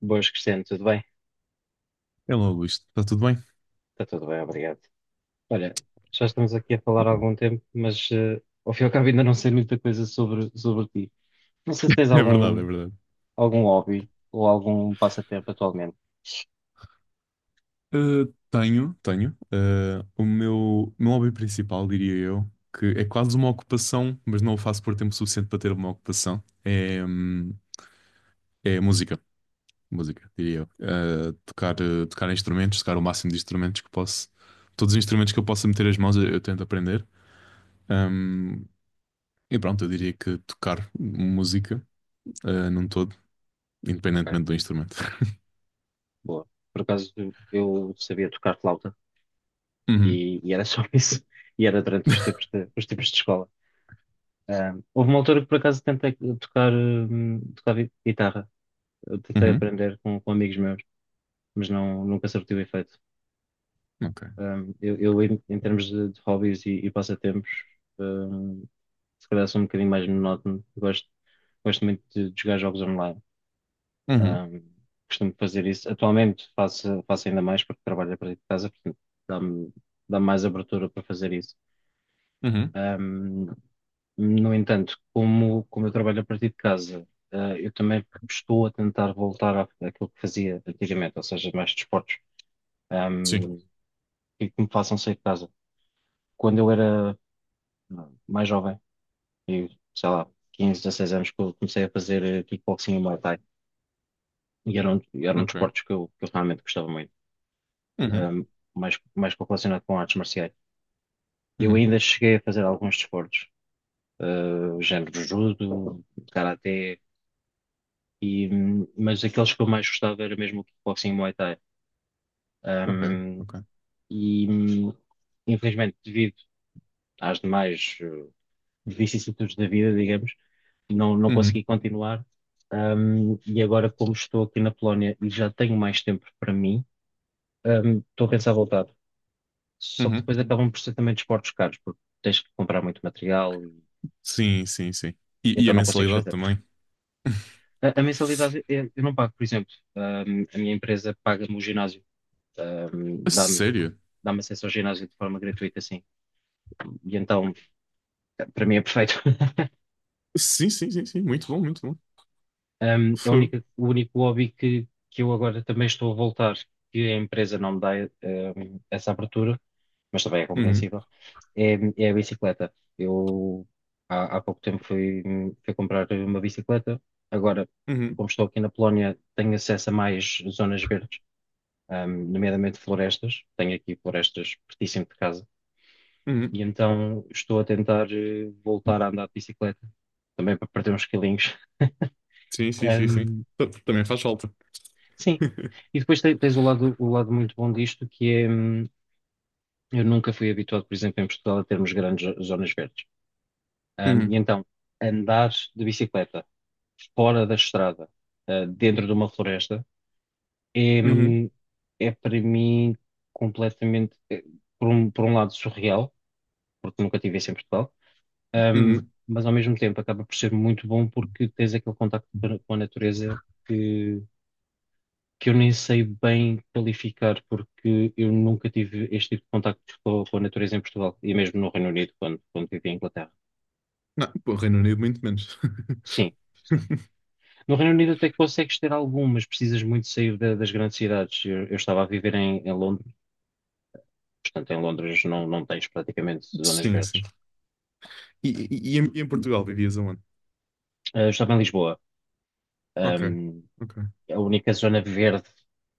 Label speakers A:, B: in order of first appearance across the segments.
A: Boas, Cristiano, tudo bem?
B: Hello, Luís, está tudo bem?
A: Está tudo bem, obrigado. Olha, já estamos aqui a falar há algum tempo, mas ao fim e ao cabo ainda não sei muita coisa sobre ti. Não sei se tens
B: É verdade, é
A: algum,
B: verdade.
A: algum hobby ou algum passatempo atualmente.
B: Uh, Tenho, tenho. O meu hobby principal, diria eu, que é quase uma ocupação, mas não o faço por tempo suficiente para ter uma ocupação, é música. Música, diria eu. Tocar instrumentos, tocar o máximo de instrumentos que posso. Todos os instrumentos que eu possa meter as mãos, eu tento aprender. Um, e pronto, eu diria que tocar música, num todo,
A: Ok,
B: independentemente do instrumento.
A: boa. Por acaso eu sabia tocar flauta
B: Uhum.
A: e era só isso. E era durante os tempos de escola. Ah, houve uma altura que por acaso tentei tocar guitarra. Eu tentei
B: Uhum,
A: aprender com amigos meus, mas não, nunca surtiu efeito.
B: ok.
A: Eu, em termos de hobbies e passatempos, um, se calhar sou um bocadinho mais monótono. Gosto muito de jogar jogos online.
B: Uhum,
A: Um, costumo fazer isso. Atualmente faço ainda mais porque trabalho a partir de casa, portanto dá-me dá-me mais abertura para fazer isso.
B: uhum.
A: Um, no entanto, como eu trabalho a partir de casa, eu também estou a tentar voltar àquilo que fazia antigamente, ou seja, mais desportos,
B: Sim,
A: ehm, e que me façam sair de casa. Quando eu era mais jovem, eu, sei lá, 15 16 anos que eu comecei a fazer kickboxing e Muay Thai. E eram
B: ok.
A: desportos que eu realmente gostava muito.
B: Uhum.
A: Ahm, mais correlacionado com artes marciais. Eu
B: Uhum.
A: ainda cheguei a fazer alguns desportos, género judo, karaté, mas aqueles que eu mais gostava era mesmo o kickboxing e Muay Thai.
B: Ok.
A: Ahm,
B: Ok.
A: e, hum, infelizmente, devido às demais, vicissitudes da vida, digamos, não
B: Uhum.
A: consegui continuar. E agora, como estou aqui na Polónia e já tenho mais tempo para mim, estou a pensar voltar. Só que
B: Uhum.
A: depois acabam por ser também desportos caros, porque tens que comprar muito material e,
B: Sim, sim, sim.
A: e
B: E
A: então
B: a
A: não consegues
B: mensalidade
A: fazer.
B: também.
A: A mensalidade eu não pago, por exemplo. A minha empresa paga-me o ginásio,
B: A
A: um, dá-me
B: sério?
A: dá-me acesso ao ginásio de forma gratuita, assim. E então, para mim é perfeito.
B: Sim, sim, sim, sim. Muito bom, muito bom. Fogo.
A: O único hobby que eu agora também estou a voltar, que a empresa não me dá, essa abertura, mas também é
B: Uhum.
A: compreensível, é a bicicleta. Eu há pouco tempo fui comprar uma bicicleta, agora,
B: Uhum.
A: como estou aqui na Polónia, tenho acesso a mais zonas verdes, nomeadamente florestas, tenho aqui florestas pertíssimo de casa,
B: Uhum.
A: e então estou a tentar voltar a andar de bicicleta, também para perder uns quilinhos.
B: Sim, sim, sim, sim. Também faz falta.
A: Sim. E depois tens o lado muito bom disto, que é, eu nunca fui habituado, por exemplo, em Portugal, a termos grandes zonas verdes. E
B: Uhum.
A: então, andar de bicicleta fora da estrada, dentro de uma floresta, é,
B: Uhum.
A: hum, é para mim completamente, por um lado, surreal, porque nunca tive isso em Portugal, hum,
B: Uhum.
A: mas ao mesmo tempo acaba por ser muito bom porque tens aquele contacto com a natureza que eu nem sei bem qualificar, porque eu nunca tive este tipo de contacto com a natureza em Portugal e mesmo no Reino Unido, quando vivi em Inglaterra.
B: Não, pô, Reino Unido muito menos.
A: Sim, sim. No Reino Unido até que consegues ter algum, mas precisas muito sair das grandes cidades. Eu estava a viver em Londres, portanto, em Londres não tens praticamente zonas
B: Sim, sim.
A: verdes.
B: E em Portugal vivias aonde?
A: Eu estava em Lisboa.
B: Ok.
A: Ahm,
B: Ok.
A: a única zona verde,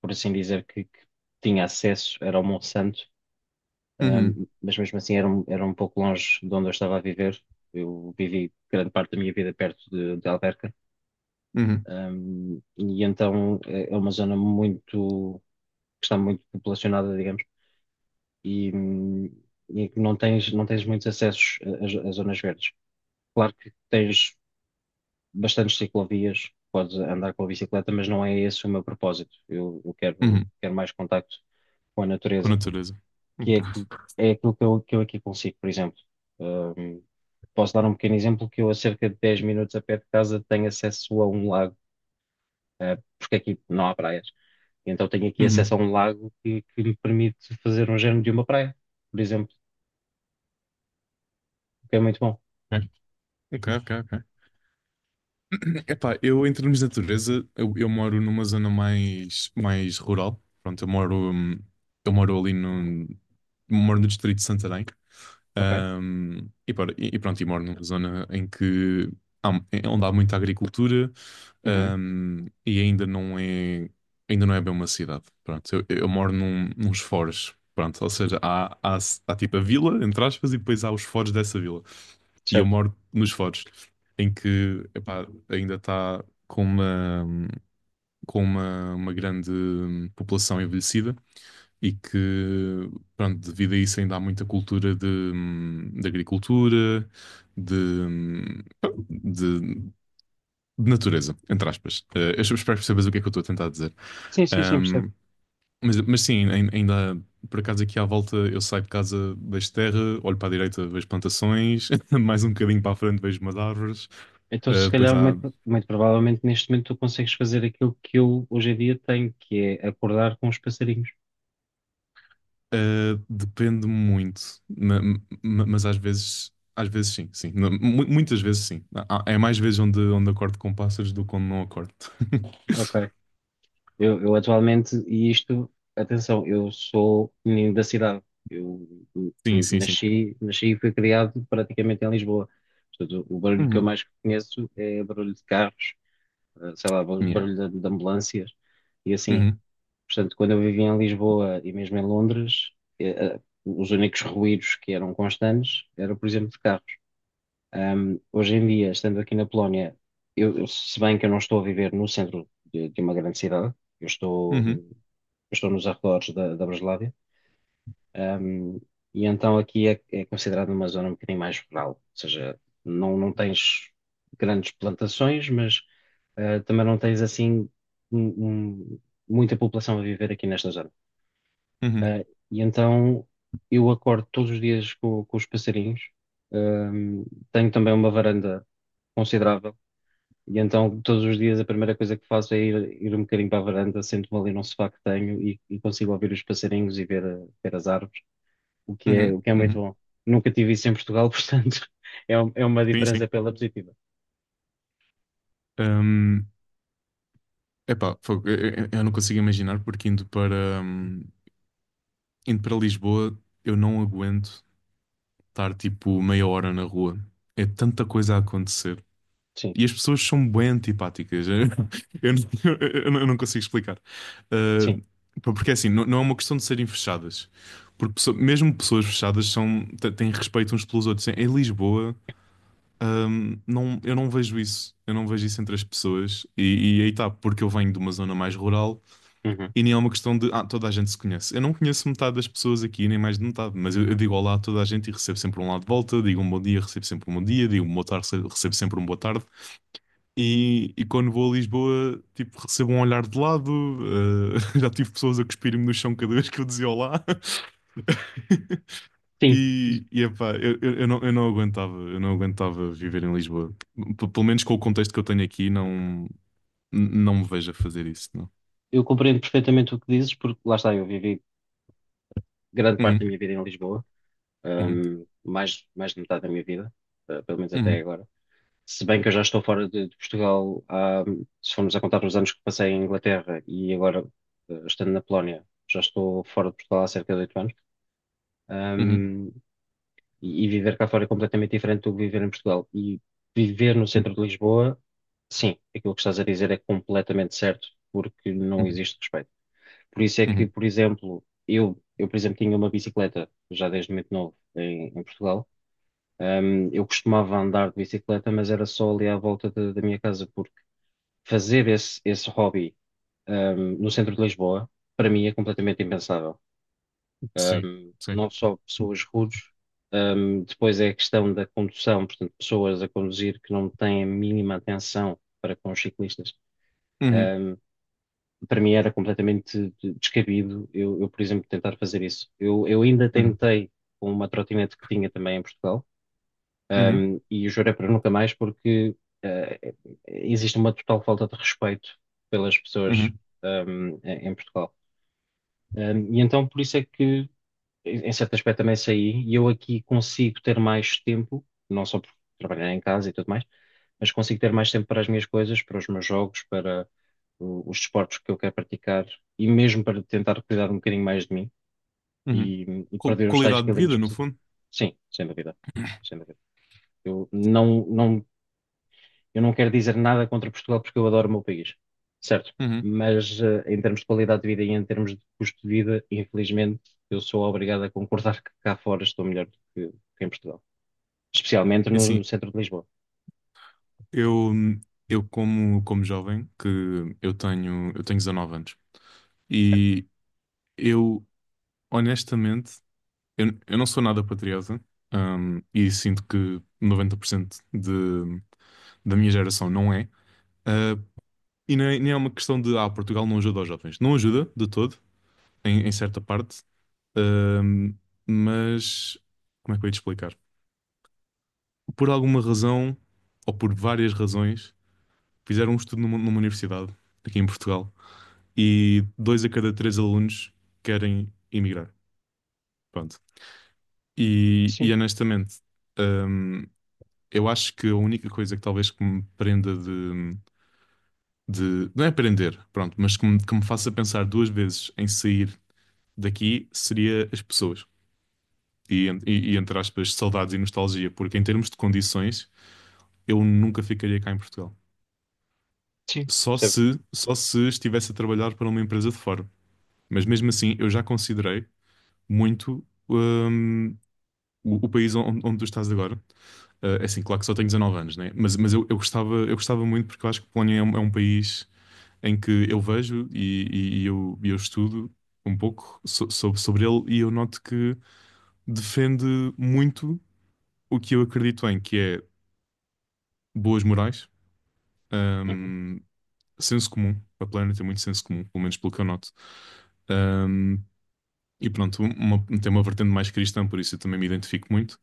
A: por assim dizer, que tinha acesso era ao Monsanto.
B: Uhum.
A: Mas mesmo assim era um pouco longe de onde eu estava a viver. Eu vivi grande parte da minha vida perto de Alverca.
B: Uhum.
A: E então é uma zona muito, que está muito populacionada, digamos, e, hum, e que não tens muitos acessos a zonas verdes. Claro que tens bastantes ciclovias, podes andar com a bicicleta, mas não é esse o meu propósito. Eu quero,
B: Uhum.
A: quero mais contacto com a
B: Com
A: natureza
B: natureza.
A: que é,
B: Ok.
A: aqui, é aquilo que eu aqui consigo, por exemplo. Ahm, posso dar um pequeno exemplo que eu, a cerca de 10 minutos a pé de casa, tenho acesso a um lago, porque aqui não há praias. Então tenho aqui acesso
B: Uhum.
A: a um lago que me permite fazer um género de uma praia, por exemplo, o que é muito bom.
B: Ok, ok, ok. Ok. Epá, eu em termos de natureza, eu moro numa zona mais rural. Pronto, eu moro ali no, moro no distrito de Santarém.
A: Ok?
B: E pronto, e moro numa zona em que onde há muita agricultura,
A: Uhum.
B: e ainda não é bem uma cidade. Pronto, eu moro nos foros. Pronto, ou seja, há tipo a vila, entre aspas, e depois há os foros dessa vila. E eu
A: Certo.
B: moro nos Foros, em que epá, ainda está com uma, com uma grande população envelhecida e que, pronto, devido a isso ainda há muita cultura de agricultura, de, de, de natureza, entre aspas. Eu espero que percebas o que é que eu estou a tentar dizer.
A: Sim, sim, sim, percebo.
B: Mas sim, ainda por acaso aqui à volta eu saio de casa, vejo terra, olho para a direita, vejo plantações, mais um bocadinho para a frente vejo umas árvores,
A: Então, se
B: depois
A: calhar,
B: há.
A: muito, muito provavelmente neste momento tu consegues fazer aquilo que eu hoje em dia tenho, que é acordar com os passarinhos.
B: Depende muito, ma- mas às vezes sim, sim. Não, muitas vezes sim. É mais vezes onde acordo com pássaros do que onde não acordo.
A: Ok. Eu atualmente, e isto, atenção, eu sou menino da cidade. Eu
B: Sim, sim, sim.
A: nasci e fui criado praticamente em Lisboa. Portanto, o barulho que eu
B: Uhum.
A: mais conheço é barulho de carros, sei lá,
B: Yeah.
A: barulho de ambulâncias e assim.
B: Uhum.
A: Portanto, quando eu vivia em Lisboa e mesmo em Londres, eh, eh, os únicos ruídos que eram constantes era, por exemplo, de carros. Hoje em dia, estando aqui na Polónia, se bem que eu não estou a viver no centro de uma grande cidade, eu estou,
B: Uhum.
A: eu estou nos arredores da Breslávia, um, e então aqui é considerado uma zona um bocadinho mais rural, ou seja, não tens grandes plantações, mas também não tens assim um- um- muita população a viver aqui nesta zona.
B: Uhum.
A: E então eu acordo todos os dias com os passarinhos, um, tenho também uma varanda considerável. E então, todos os dias, a primeira coisa que faço é ir um bocadinho para a varanda, sento-me ali num sofá que tenho e consigo ouvir os passarinhos e ver, ver as árvores, o que é,
B: Uhum.
A: o que é muito
B: Uhum.
A: bom. Nunca tive isso em Portugal, portanto, é uma
B: Sim,
A: diferença
B: sim.
A: pela positiva.
B: Um, Epá, fogo, eu não consigo imaginar porque indo para Lisboa, eu não aguento estar tipo meia hora na rua. É tanta coisa a acontecer.
A: Sim,
B: E as pessoas são bem antipáticas. Eu, não eu não consigo explicar. Ah,
A: sim.
B: pá, porque assim, não é uma questão de serem fechadas. Porque mesmo pessoas fechadas têm respeito uns pelos outros. Em Lisboa, não, eu não vejo isso. Eu não vejo isso entre as pessoas. E aí está, porque eu venho de uma zona mais rural.
A: Uhum.
B: E nem é uma questão de toda a gente se conhece. Eu não conheço metade das pessoas aqui, nem mais de metade, mas eu digo olá a toda a gente e recebo sempre um lá de volta, digo um bom dia, recebo sempre um bom dia, digo um boa tarde, recebo sempre um boa tarde. E quando vou a Lisboa, tipo, recebo um olhar de lado, já tive pessoas a cuspirem-me no chão cada vez que eu dizia olá.
A: Sim,
B: E epá, eu não aguentava viver em Lisboa. Pelo menos com o contexto que eu tenho aqui, não, não me vejo a fazer isso, não.
A: eu compreendo perfeitamente o que dizes, porque lá está, eu vivi grande parte da
B: Uhum,
A: minha vida em Lisboa,
B: uhum,
A: mais de metade da minha vida, pelo menos até
B: uhum,
A: agora. Se bem que eu já estou fora de Portugal, se formos a contar os anos que passei em Inglaterra e agora estando na Polónia, já estou fora de Portugal há cerca de 8 anos.
B: uhum,
A: Ahm, e viver cá fora é completamente diferente do que viver em Portugal. E viver no centro de Lisboa, sim, aquilo que estás a dizer é completamente certo, porque não
B: uhum.
A: existe respeito. Por isso é que,
B: Uhum.
A: por exemplo, eu, por exemplo, tinha uma bicicleta já desde muito novo em Portugal. Eu costumava andar de bicicleta, mas era só ali à volta da minha casa, porque fazer esse hobby, no centro de Lisboa, para mim é completamente impensável.
B: Sim, sim.
A: Não só pessoas rudes, depois é a questão da condução, portanto, pessoas a conduzir que não têm a mínima atenção para com os ciclistas.
B: Uhum,
A: Ahm, para mim era completamente descabido por exemplo, tentar fazer isso. Eu ainda
B: uhum,
A: tentei com uma trotinete que tinha também em Portugal
B: uhum,
A: e o juro é para nunca mais porque existe uma total falta de respeito pelas pessoas
B: uhum,
A: em em Portugal. E então por isso é que, em certo aspecto, também saí e eu aqui consigo ter mais tempo, não só por trabalhar em casa e tudo mais, mas consigo ter mais tempo para as minhas coisas, para os meus jogos, para os desportos que eu quero praticar e mesmo para tentar cuidar um bocadinho mais de mim
B: uhum.
A: e perder os tais
B: Qualidade de vida,
A: quilinhos.
B: no fundo.
A: Sim, sem dúvida. Sem dúvida. Eu não, não Eu não quero dizer nada contra Portugal porque eu adoro o meu país, certo?
B: Uhum.
A: Mas em termos de qualidade de vida e em termos de custo de vida, infelizmente, eu sou obrigado a concordar que cá fora estou melhor do que em Portugal, especialmente
B: É
A: no
B: assim,
A: centro de Lisboa.
B: eu, eu, como jovem, que eu tenho 19 anos,
A: Ok.
B: e eu, honestamente, eu não sou nada patriota, e sinto que 90% da minha geração não é, ah, e nem é uma questão de, Portugal não ajuda aos jovens. Não ajuda, de todo, em, em certa parte, Ahm, mas como é que eu ia te explicar? Por alguma razão, ou por várias razões, fizeram um estudo numa, numa universidade aqui em Portugal e dois a cada três alunos querem emigrar. Pronto. E
A: Sim,
B: honestamente, ahm, eu acho que a única coisa que talvez que me prenda não é prender, pronto, mas que me faça pensar duas vezes em sair daqui seria as pessoas. E entre aspas, saudades e nostalgia, porque em termos de condições eu nunca ficaria cá em Portugal.
A: sim,
B: Só
A: percebo.
B: se, só se estivesse a trabalhar para uma empresa de fora. Mas mesmo assim, eu já considerei muito o país onde tu estás agora. É assim, claro que só tenho 19 anos, né? Mas eu gostava muito porque eu acho que Polónia é um país em que eu vejo e eu estudo um pouco sobre, sobre ele e eu noto que defende muito o que eu acredito em, que é boas morais.
A: Uhum.
B: hum, Senso comum. A Planner tem muito senso comum, pelo menos pelo que eu noto. Ahm, e pronto, tem uma vertente mais cristã, por isso eu também me identifico muito.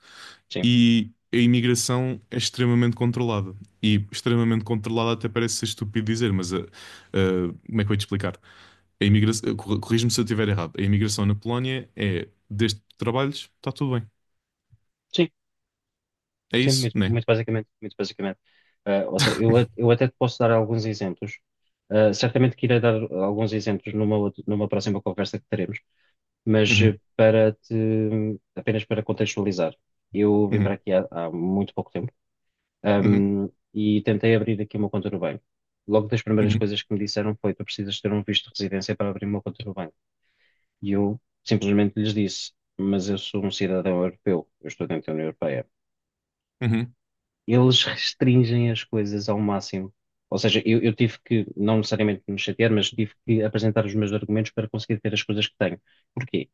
A: Sim,
B: E a imigração é extremamente controlada. E extremamente controlada até parece ser estúpido dizer, mas como é que eu ia te explicar? A imigração, corrige-me se eu estiver errado. A imigração na Polónia é desde que trabalhos, está tudo bem.
A: sim,
B: É
A: sim,
B: isso,
A: muito,
B: né?
A: muito basicamente, muito basicamente. Ou seja, eu até te posso dar alguns exemplos. Certamente que irei dar alguns exemplos numa próxima conversa que teremos. Mas
B: Uhum,
A: para te, apenas para contextualizar, eu vim para
B: uhum,
A: aqui há muito pouco tempo,
B: uhum,
A: ahm, e tentei abrir aqui uma conta no banco. Logo das primeiras
B: uhum,
A: coisas que me disseram foi: tu precisas ter um visto de residência para abrir uma conta no banco. E eu simplesmente lhes disse: mas eu sou um cidadão europeu, eu estou dentro da União Europeia.
B: uhum,
A: Eles restringem as coisas ao máximo. Ou seja, eu tive que, não necessariamente me chatear, mas tive que apresentar os meus argumentos para conseguir ter as coisas que tenho. Porquê?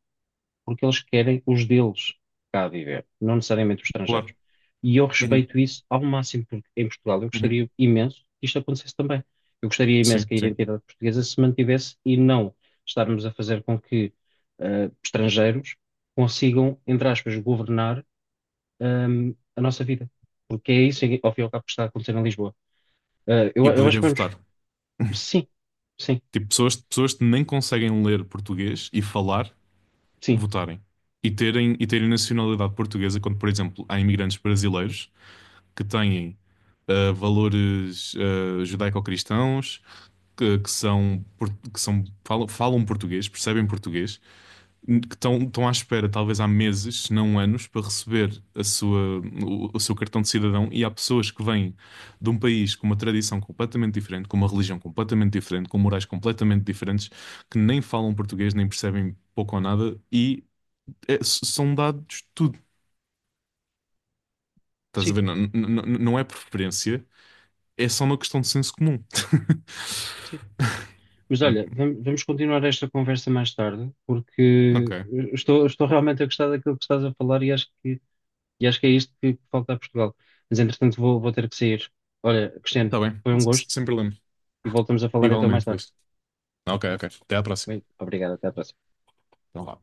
A: Porque eles querem os deles cá a viver, não necessariamente os estrangeiros.
B: claro.
A: E eu
B: Uhum,
A: respeito isso ao máximo, porque em Portugal eu
B: uhum.
A: gostaria imenso que isto acontecesse também. Eu gostaria imenso
B: Sim,
A: que a
B: sim.
A: identidade portuguesa se mantivesse e não estarmos a fazer com que estrangeiros consigam, entre aspas, governar a nossa vida. Porque é isso, ao fim e ao cabo, que está a acontecer em Lisboa. Eh, eu,
B: E
A: eu acho
B: poderem
A: que vamos.
B: votar.
A: Sim, sim,
B: Tipo, pessoas, pessoas que nem conseguem ler português e falar,
A: sim,
B: votarem. E terem nacionalidade portuguesa, quando, por exemplo, há imigrantes brasileiros que têm valores judaico-cristãos, que são, que são falam português, percebem português, que estão à espera, talvez há meses, se não anos, para receber o seu cartão de cidadão. E há pessoas que vêm de um país com uma tradição completamente diferente, com uma religião completamente diferente, com morais completamente diferentes, que nem falam português, nem percebem pouco ou nada, e são dados tudo. Estás a
A: sim,
B: ver? Não é preferência, é só uma questão de senso comum.
A: sim. Mas
B: Hum,
A: olha, vamos continuar esta conversa mais tarde,
B: Ok,
A: porque estou realmente a gostar daquilo que estás a falar e acho que é isto que falta a Portugal. Mas entretanto vou ter que sair. Olha, Cristiano,
B: está bem,
A: foi um gosto
B: Sem problema.
A: e voltamos a falar então mais
B: Igualmente,
A: tarde.
B: Luís. Ok, ok. Até à próxima.
A: Bem, obrigado, até à próxima.
B: Então vá.